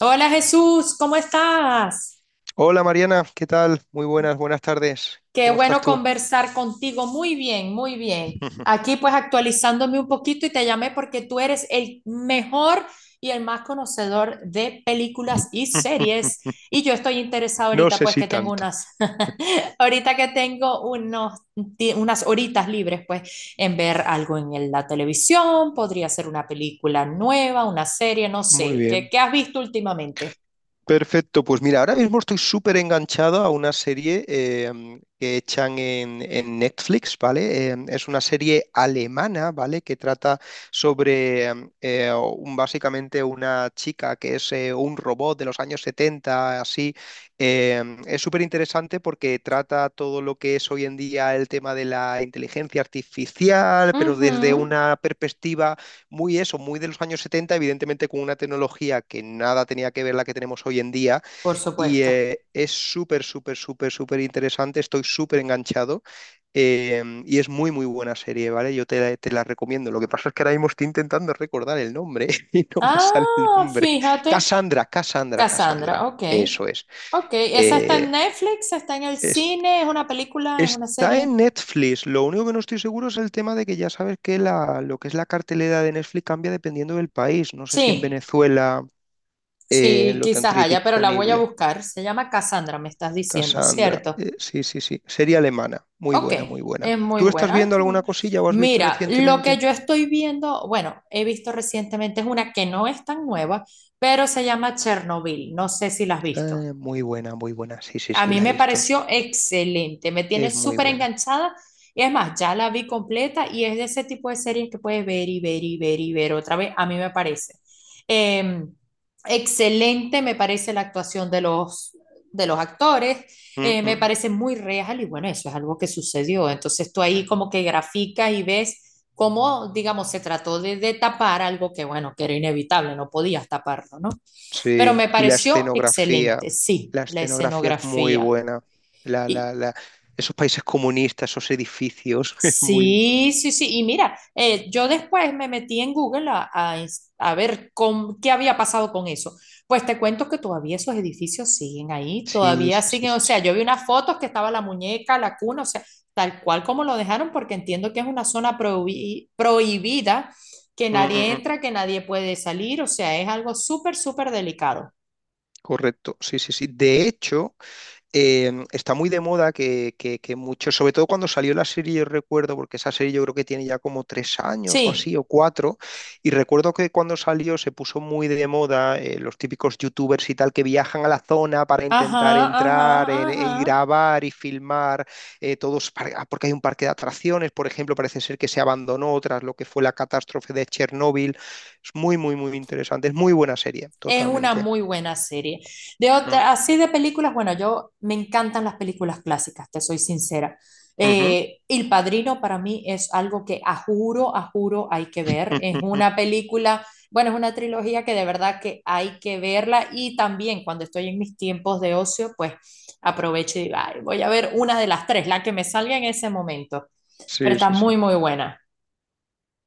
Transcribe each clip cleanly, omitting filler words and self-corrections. Hola Jesús, ¿cómo estás? Hola Mariana, ¿qué tal? Muy buenas, buenas tardes. Qué ¿Cómo estás bueno tú? conversar contigo. Muy bien, muy bien. Aquí pues actualizándome un poquito y te llamé porque tú eres el mejor y el más conocedor de películas y series. Y yo estoy interesada No ahorita sé pues si que tengo tanto. unas, ahorita que tengo unos, unas horitas libres pues en ver algo en la televisión, podría ser una película nueva, una serie, no Muy sé. ¿Qué, bien. qué has visto últimamente? Perfecto, pues mira, ahora mismo estoy súper enganchado a una serie que echan en Netflix, ¿vale? Es una serie alemana, ¿vale? Que trata sobre básicamente una chica que es un robot de los años 70, así. Es súper interesante porque trata todo lo que es hoy en día el tema de la inteligencia artificial, pero desde Ujú, una perspectiva muy eso, muy de los años 70, evidentemente, con una tecnología que nada tenía que ver la que tenemos hoy en día. por Y supuesto. Es súper, súper, súper, súper interesante. Estoy súper enganchado. Y es muy, muy buena serie, ¿vale? Yo te la recomiendo. Lo que pasa es que ahora mismo estoy intentando recordar el nombre y no me sale el Ah, nombre. fíjate, Cassandra, Cassandra, Cassandra, Cassandra. ok. Eso es. Ok, ¿esa está Eh, en Netflix? ¿Está en el es cine? ¿Es una película? ¿Es una Está serie? en Netflix. Lo único que no estoy seguro es el tema de que ya sabes que lo que es la cartelera de Netflix cambia dependiendo del país. No sé si en Sí, Venezuela sí, lo quizás tendréis haya, pero la voy a disponible. buscar. Se llama Cassandra, me estás diciendo, Cassandra. ¿cierto? Sí, sí, sí. Serie alemana. Muy Ok, buena, muy buena. es muy ¿Tú estás buena. Ay, viendo qué bueno. alguna cosilla o has visto Mira, lo que recientemente? yo estoy viendo, bueno, he visto recientemente es una que no es tan nueva, pero se llama Chernobyl. No sé si la has visto. Muy buena, muy buena. Sí, sí, A sí, mí la he me visto. pareció excelente, me tiene Es muy súper buena. enganchada. Y es más, ya la vi completa y es de ese tipo de series que puedes ver y ver y ver y ver otra vez, a mí me parece. Eh, Excelente me parece la actuación de los actores, Mm, me mm. parece muy real y bueno, eso es algo que sucedió. Entonces tú ahí como que graficas y ves cómo, digamos, se trató de tapar algo que bueno, que era inevitable, no podías taparlo, ¿no? Pero Sí, me y pareció excelente, sí, la la escenografía es muy escenografía. buena. La, Y, la, la, esos países comunistas, esos edificios, es muy... sí, sí, sí. Y mira, yo después me metí en Google a ver con, qué había pasado con eso. Pues te cuento que todavía esos edificios siguen ahí, Sí, todavía sí, sí, siguen. sí, O sea, sí. yo vi unas fotos que estaba la muñeca, la cuna, o sea, tal cual como lo dejaron, porque entiendo que es una zona prohibida, que Mm, mm, nadie mm, entra, que nadie puede salir. O sea, es algo súper, súper delicado. correcto, sí, sí, sí. De hecho, está muy de moda que, mucho, sobre todo cuando salió la serie, yo recuerdo, porque esa serie yo creo que tiene ya como 3 años o así, Sí. o 4, y recuerdo que cuando salió se puso muy de moda los típicos youtubers y tal que viajan a la zona para Ajá, intentar entrar y ajá. grabar y filmar porque hay un parque de atracciones, por ejemplo, parece ser que se abandonó tras lo que fue la catástrofe de Chernóbil. Es muy, muy, muy interesante, es muy buena serie, Es una totalmente. muy buena serie. De Mm. otra, así de películas, bueno, yo me encantan las películas clásicas, te soy sincera. Ujú. El Padrino para mí es algo que a juro hay que ver. Es una película, bueno, es una trilogía que de verdad que hay que verla y también cuando estoy en mis tiempos de ocio, pues aprovecho y digo, "Ay, voy a ver una de las tres, la que me salga en ese momento." Pero Sí, está sí, sí. muy, muy buena.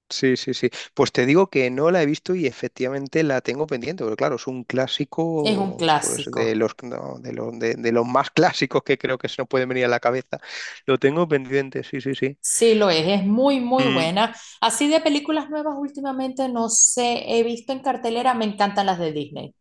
Sí, sí, sí. Pues te digo que no la he visto y efectivamente la tengo pendiente, porque claro, es un Es un clásico, pues de clásico. los, no, de los más clásicos que creo que se nos pueden venir a la cabeza. Lo tengo pendiente, sí, sí, sí. Sí, lo es muy, muy Mm, buena. Así de películas nuevas últimamente no sé, he visto en cartelera, me encantan las de Disney.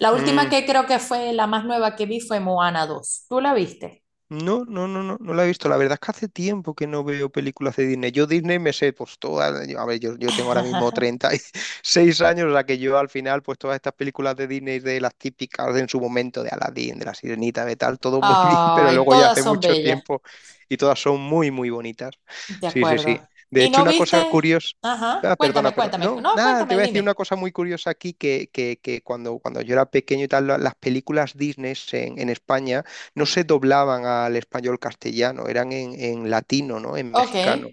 La última mm. que creo que fue la más nueva que vi fue Moana 2. ¿Tú la viste? No, no, no, no, no la he visto. La verdad es que hace tiempo que no veo películas de Disney. Yo Disney me sé, pues todas, a ver, yo tengo ahora mismo 36 años, o sea que yo al final, pues todas estas películas de Disney, de las típicas de en su momento, de Aladdin, de La Sirenita, de tal, todo muy bien, pero Ay, luego ya todas hace son mucho bellas, tiempo y todas son muy, muy bonitas. de Sí, sí, sí. acuerdo. De ¿Y hecho, no una cosa viste? curiosa... Ajá, Ah, perdona, cuéntame, perdona. cuéntame. No, No, nada, te cuéntame, voy a decir una dime. cosa muy curiosa aquí, que, cuando, yo era pequeño y tal, las películas Disney en España no se doblaban al español castellano, eran en latino, ¿no? En Ok, mexicano.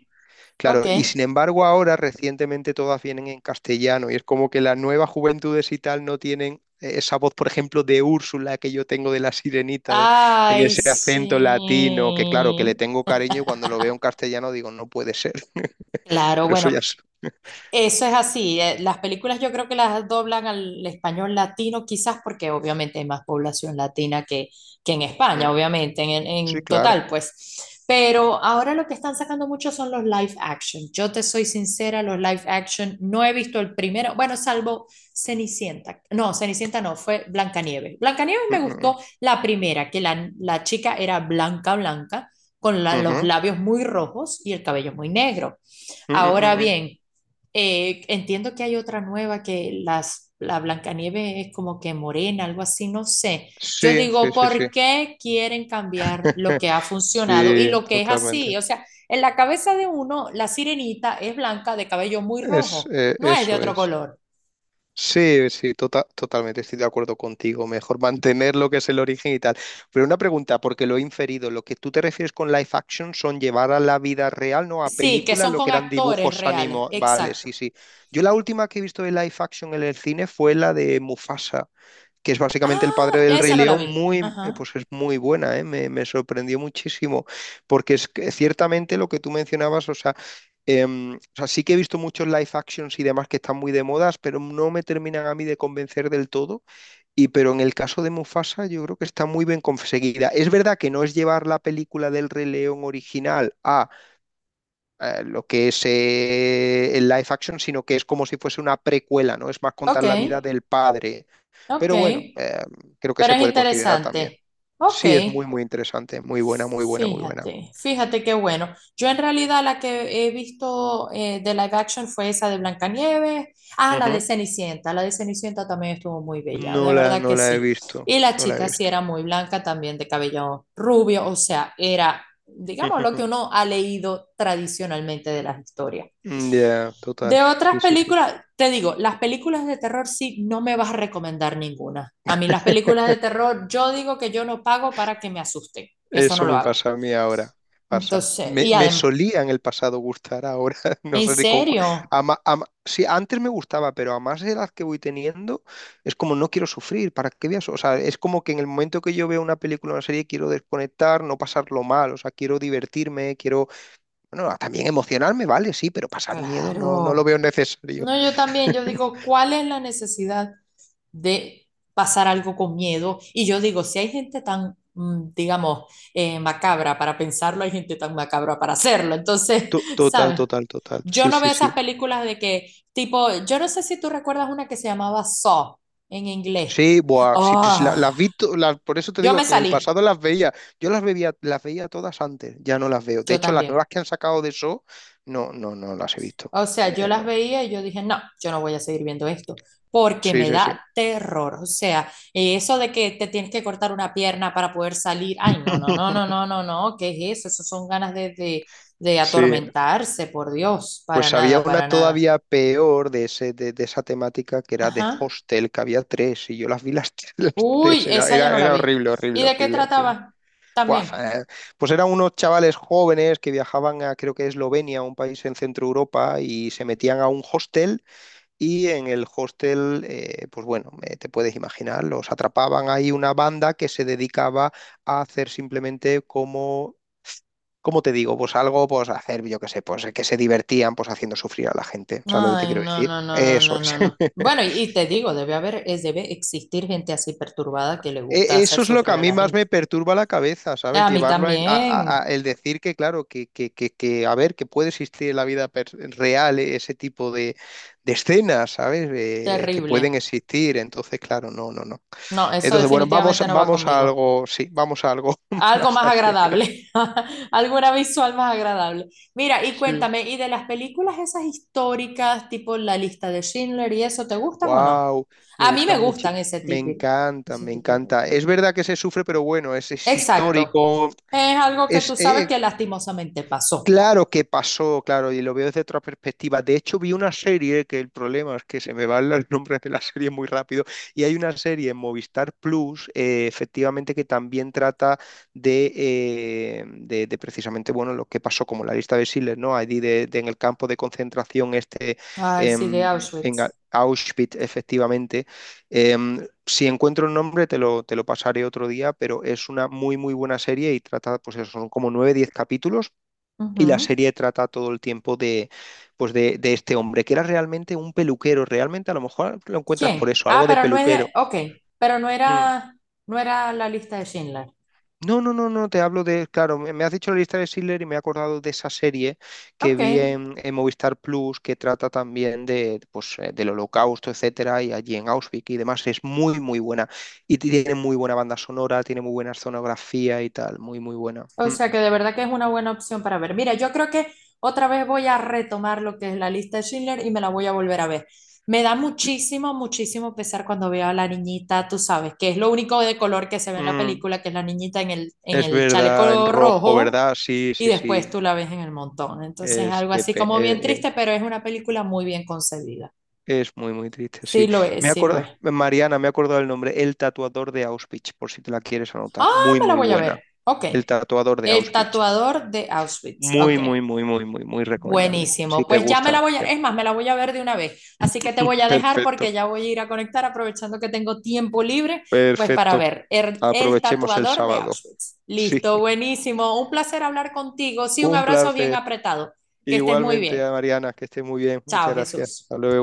ok. Claro, y sin embargo ahora recientemente todas vienen en castellano y es como que las nuevas juventudes y tal no tienen esa voz, por ejemplo, de Úrsula que yo tengo de la sirenita, en Ay, ese acento latino, que claro, que le sí. tengo cariño y cuando lo veo en castellano digo, no puede ser, Claro, pero eso bueno, ya es... eso es así. Las películas yo creo que las doblan al español latino, quizás porque obviamente hay más población latina que en Mm, España, obviamente, sí, en claro. total, pues. Pero ahora lo que están sacando mucho son los live action. Yo te soy sincera, los live action no he visto el primero, bueno, salvo Cenicienta. No, Cenicienta no, fue Blancanieves. Blancanieves Mm, me mm, mm. gustó la primera, que la chica era blanca, blanca, con los Ujú. labios muy rojos y el cabello muy negro. Mm, mm, Ahora mm, mm. bien, entiendo que hay otra nueva que la Blancanieve es como que morena, algo así, no sé. Yo Sí, sí, digo, sí, sí. ¿por qué quieren cambiar lo que ha funcionado y Sí, lo que es así? totalmente. O sea, en la cabeza de uno, la sirenita es blanca de cabello muy Es, rojo, eh, no es de eso otro es. color. Sí, sí, totalmente estoy de acuerdo contigo. Mejor mantener lo que es el origen y tal. Pero una pregunta, porque lo he inferido, lo que tú te refieres con live action son llevar a la vida real, ¿no? A Sí, que película, son lo que con eran actores dibujos reales, animados. Vale, exacto. sí, sí. Yo la última que he visto de live action en el cine fue la de Mufasa, que es básicamente el padre Ah, ya del Rey esa no la León, vi. Ajá. pues es muy buena, ¿eh? Me sorprendió muchísimo, porque es que ciertamente lo que tú mencionabas, o sea, sí que he visto muchos live actions y demás que están muy de modas, pero no me terminan a mí de convencer del todo. Pero en el caso de Mufasa, yo creo que está muy bien conseguida. Es verdad que no es llevar la película del Rey León original a lo que es el live action, sino que es como si fuese una precuela, ¿no? Es más Ok, contar la vida del padre, ok. pero bueno, creo que Pero se es puede considerar también. interesante. Ok. Sí, es muy, muy interesante. Muy buena, muy buena, muy buena. Fíjate, fíjate qué bueno. Yo en realidad la que he visto de live action fue esa de Blancanieves. Ah, la de Ujú. Cenicienta. La de Cenicienta también estuvo muy bella, No de la, verdad que no la he sí. visto. Y la No la he chica sí visto. era muy blanca también, de cabello rubio, o sea, era, digamos, lo que uno ha leído tradicionalmente de las historias. Ya, total. De otras Sí, sí, sí. películas, te digo, las películas de terror sí, no me vas a recomendar ninguna. A mí las películas de terror, yo digo que yo no pago para que me asusten. Eso no Eso lo me hago. pasa a mí ahora. Pasa. Entonces, Me, y me además, solía en el pasado gustar, ahora no ¿en sé ni con cuál. serio? Sí, antes me gustaba, pero a más edad que voy teniendo, es como no quiero sufrir, ¿para qué voy a su- O sea, es como que en el momento que yo veo una película o una serie quiero desconectar, no pasarlo mal, o sea, quiero divertirme, quiero, bueno, también emocionarme, vale, sí, pero pasar miedo no, no lo Claro. veo necesario. No, yo también, yo digo, ¿cuál es la necesidad de pasar algo con miedo? Y yo digo, si hay gente tan, digamos, macabra para pensarlo, hay gente tan macabra para hacerlo. Entonces, To- Total, ¿sabes? total, total. Yo Sí, no veo sí, esas sí. películas de que, tipo, yo no sé si tú recuerdas una que se llamaba Saw en inglés. Sí, buah, sí, pues Oh, las vi, por eso te yo me digo que en el salí, pasado las veía. Yo las veía todas antes, ya no las veo. De yo hecho, las también. nuevas que han sacado de eso, no, no, no las he visto. O sea, yo Eh, las no. veía y yo dije, no, yo no voy a seguir viendo esto, porque Sí, me sí, sí. da terror. O sea, eso de que te tienes que cortar una pierna para poder salir, ay, no, no, no, no, no, no, no, ¿qué es eso? Eso son ganas de Sí, atormentarse, por Dios, para pues había nada, una para nada. todavía peor de ese, de esa temática, que era de Ajá. Hostel, que había tres, y yo las vi las, las Uy, tres, era, esa yo no era, la era vi. horrible, ¿Y horrible, de qué horrible, horrible. trataba? Buah, También. Pues eran unos chavales jóvenes que viajaban a, creo que, Eslovenia, un país en Centro Europa, y se metían a un hostel. Y en el hostel, pues bueno, te puedes imaginar, los atrapaban ahí una banda que se dedicaba a hacer simplemente como, ¿cómo te digo? Pues algo, pues hacer, yo qué sé, pues que se divertían, pues haciendo sufrir a la gente. ¿Sabes lo que te Ay, quiero no, decir? no, no, no, Eso no, es. no, no. Bueno, y te digo, debe haber, es, debe existir gente así perturbada que le gusta E- hacer Eso es lo que sufrir a a mí la más gente. me perturba la cabeza, ¿sabes? A mí Llevarlo a, también. El decir que, claro, a ver, que puede existir en la vida real, ese tipo de escenas, ¿sabes? Que Terrible. pueden existir. Entonces, claro, no, no, no. No, eso Entonces, bueno, vamos, definitivamente no va vamos a conmigo. algo, sí, vamos a algo Algo más más alegre. agradable, alguna visual más agradable. Mira, y Sí. cuéntame, ¿y de las películas esas históricas, tipo La lista de Schindler y eso, te gustan o no? Wow, me A mí me gustan mucho. gustan Me encanta, ese me tipo de encanta. películas. Es verdad que se sufre, pero bueno, es Exacto. histórico, Es algo que es, tú sabes eh, que lastimosamente pasó. Claro que pasó, claro, y lo veo desde otra perspectiva. De hecho, vi una serie que el problema es que se me van los nombres de la serie muy rápido. Y hay una serie en Movistar Plus, efectivamente, que también trata de, precisamente, bueno, lo que pasó como la lista de Schindler, ¿no? Allí de, en el campo de concentración este, Ay, sí, de em, en A- Auschwitz. Auschwitz, efectivamente. Em, si encuentro el nombre, te lo pasaré otro día, pero es una muy, muy buena serie y trata, pues eso, son como 9, 10 capítulos, y la Ujú. serie trata todo el tiempo de, pues de, este hombre, que era realmente un peluquero. Realmente, a lo mejor lo encuentras por ¿Quién? eso, Ah, algo de pero no es de, peluquero. ok, pero no Mm. era, no era la lista de Schindler. No, no, no, no, te hablo de, claro, me has dicho la lista de Schindler y me he acordado de esa serie que Ok. vi en, Movistar Plus, que trata también de, pues, del holocausto, etcétera, y allí en Auschwitz y demás. Es muy, muy buena. Y tiene muy buena banda sonora, tiene muy buena escenografía y tal, muy, muy buena. O Mm. sea que de verdad que es una buena opción para ver. Mira, yo creo que otra vez voy a retomar lo que es la lista de Schindler y me la voy a volver a ver. Me da muchísimo, muchísimo pesar cuando veo a la niñita, tú sabes, que es lo único de color que se ve en la Mm. película, que es la niñita en Es el verdad, en chaleco rojo, rojo ¿verdad? Sí, y sí, sí. después tú la ves en el montón. Entonces, Es algo que así como bien triste, pero es una película muy bien concebida. Es muy, muy triste, Sí sí. lo Me es, sí lo es. acorda, Mariana, me he acordado el nombre, El tatuador de Auschwitz, por si te la quieres anotar. Ah, Muy, me la muy voy a buena. ver. Ok. El tatuador de El Auschwitz. tatuador de Auschwitz. Muy, Ok, muy, muy, muy, muy, muy recomendable. Si buenísimo. te Pues ya me la gusta. voy a, es más, me la voy a ver de una vez. Así que te voy a dejar Perfecto, porque ya voy a ir a conectar aprovechando que tengo tiempo libre, pues para perfecto. ver el Aprovechemos el tatuador de sábado. Auschwitz. Sí, Listo, buenísimo. Un placer hablar contigo. Sí, un un abrazo bien placer. apretado. Que estés muy Igualmente bien. a Mariana, que esté muy bien. Chao, Muchas gracias. Jesús. Hasta luego.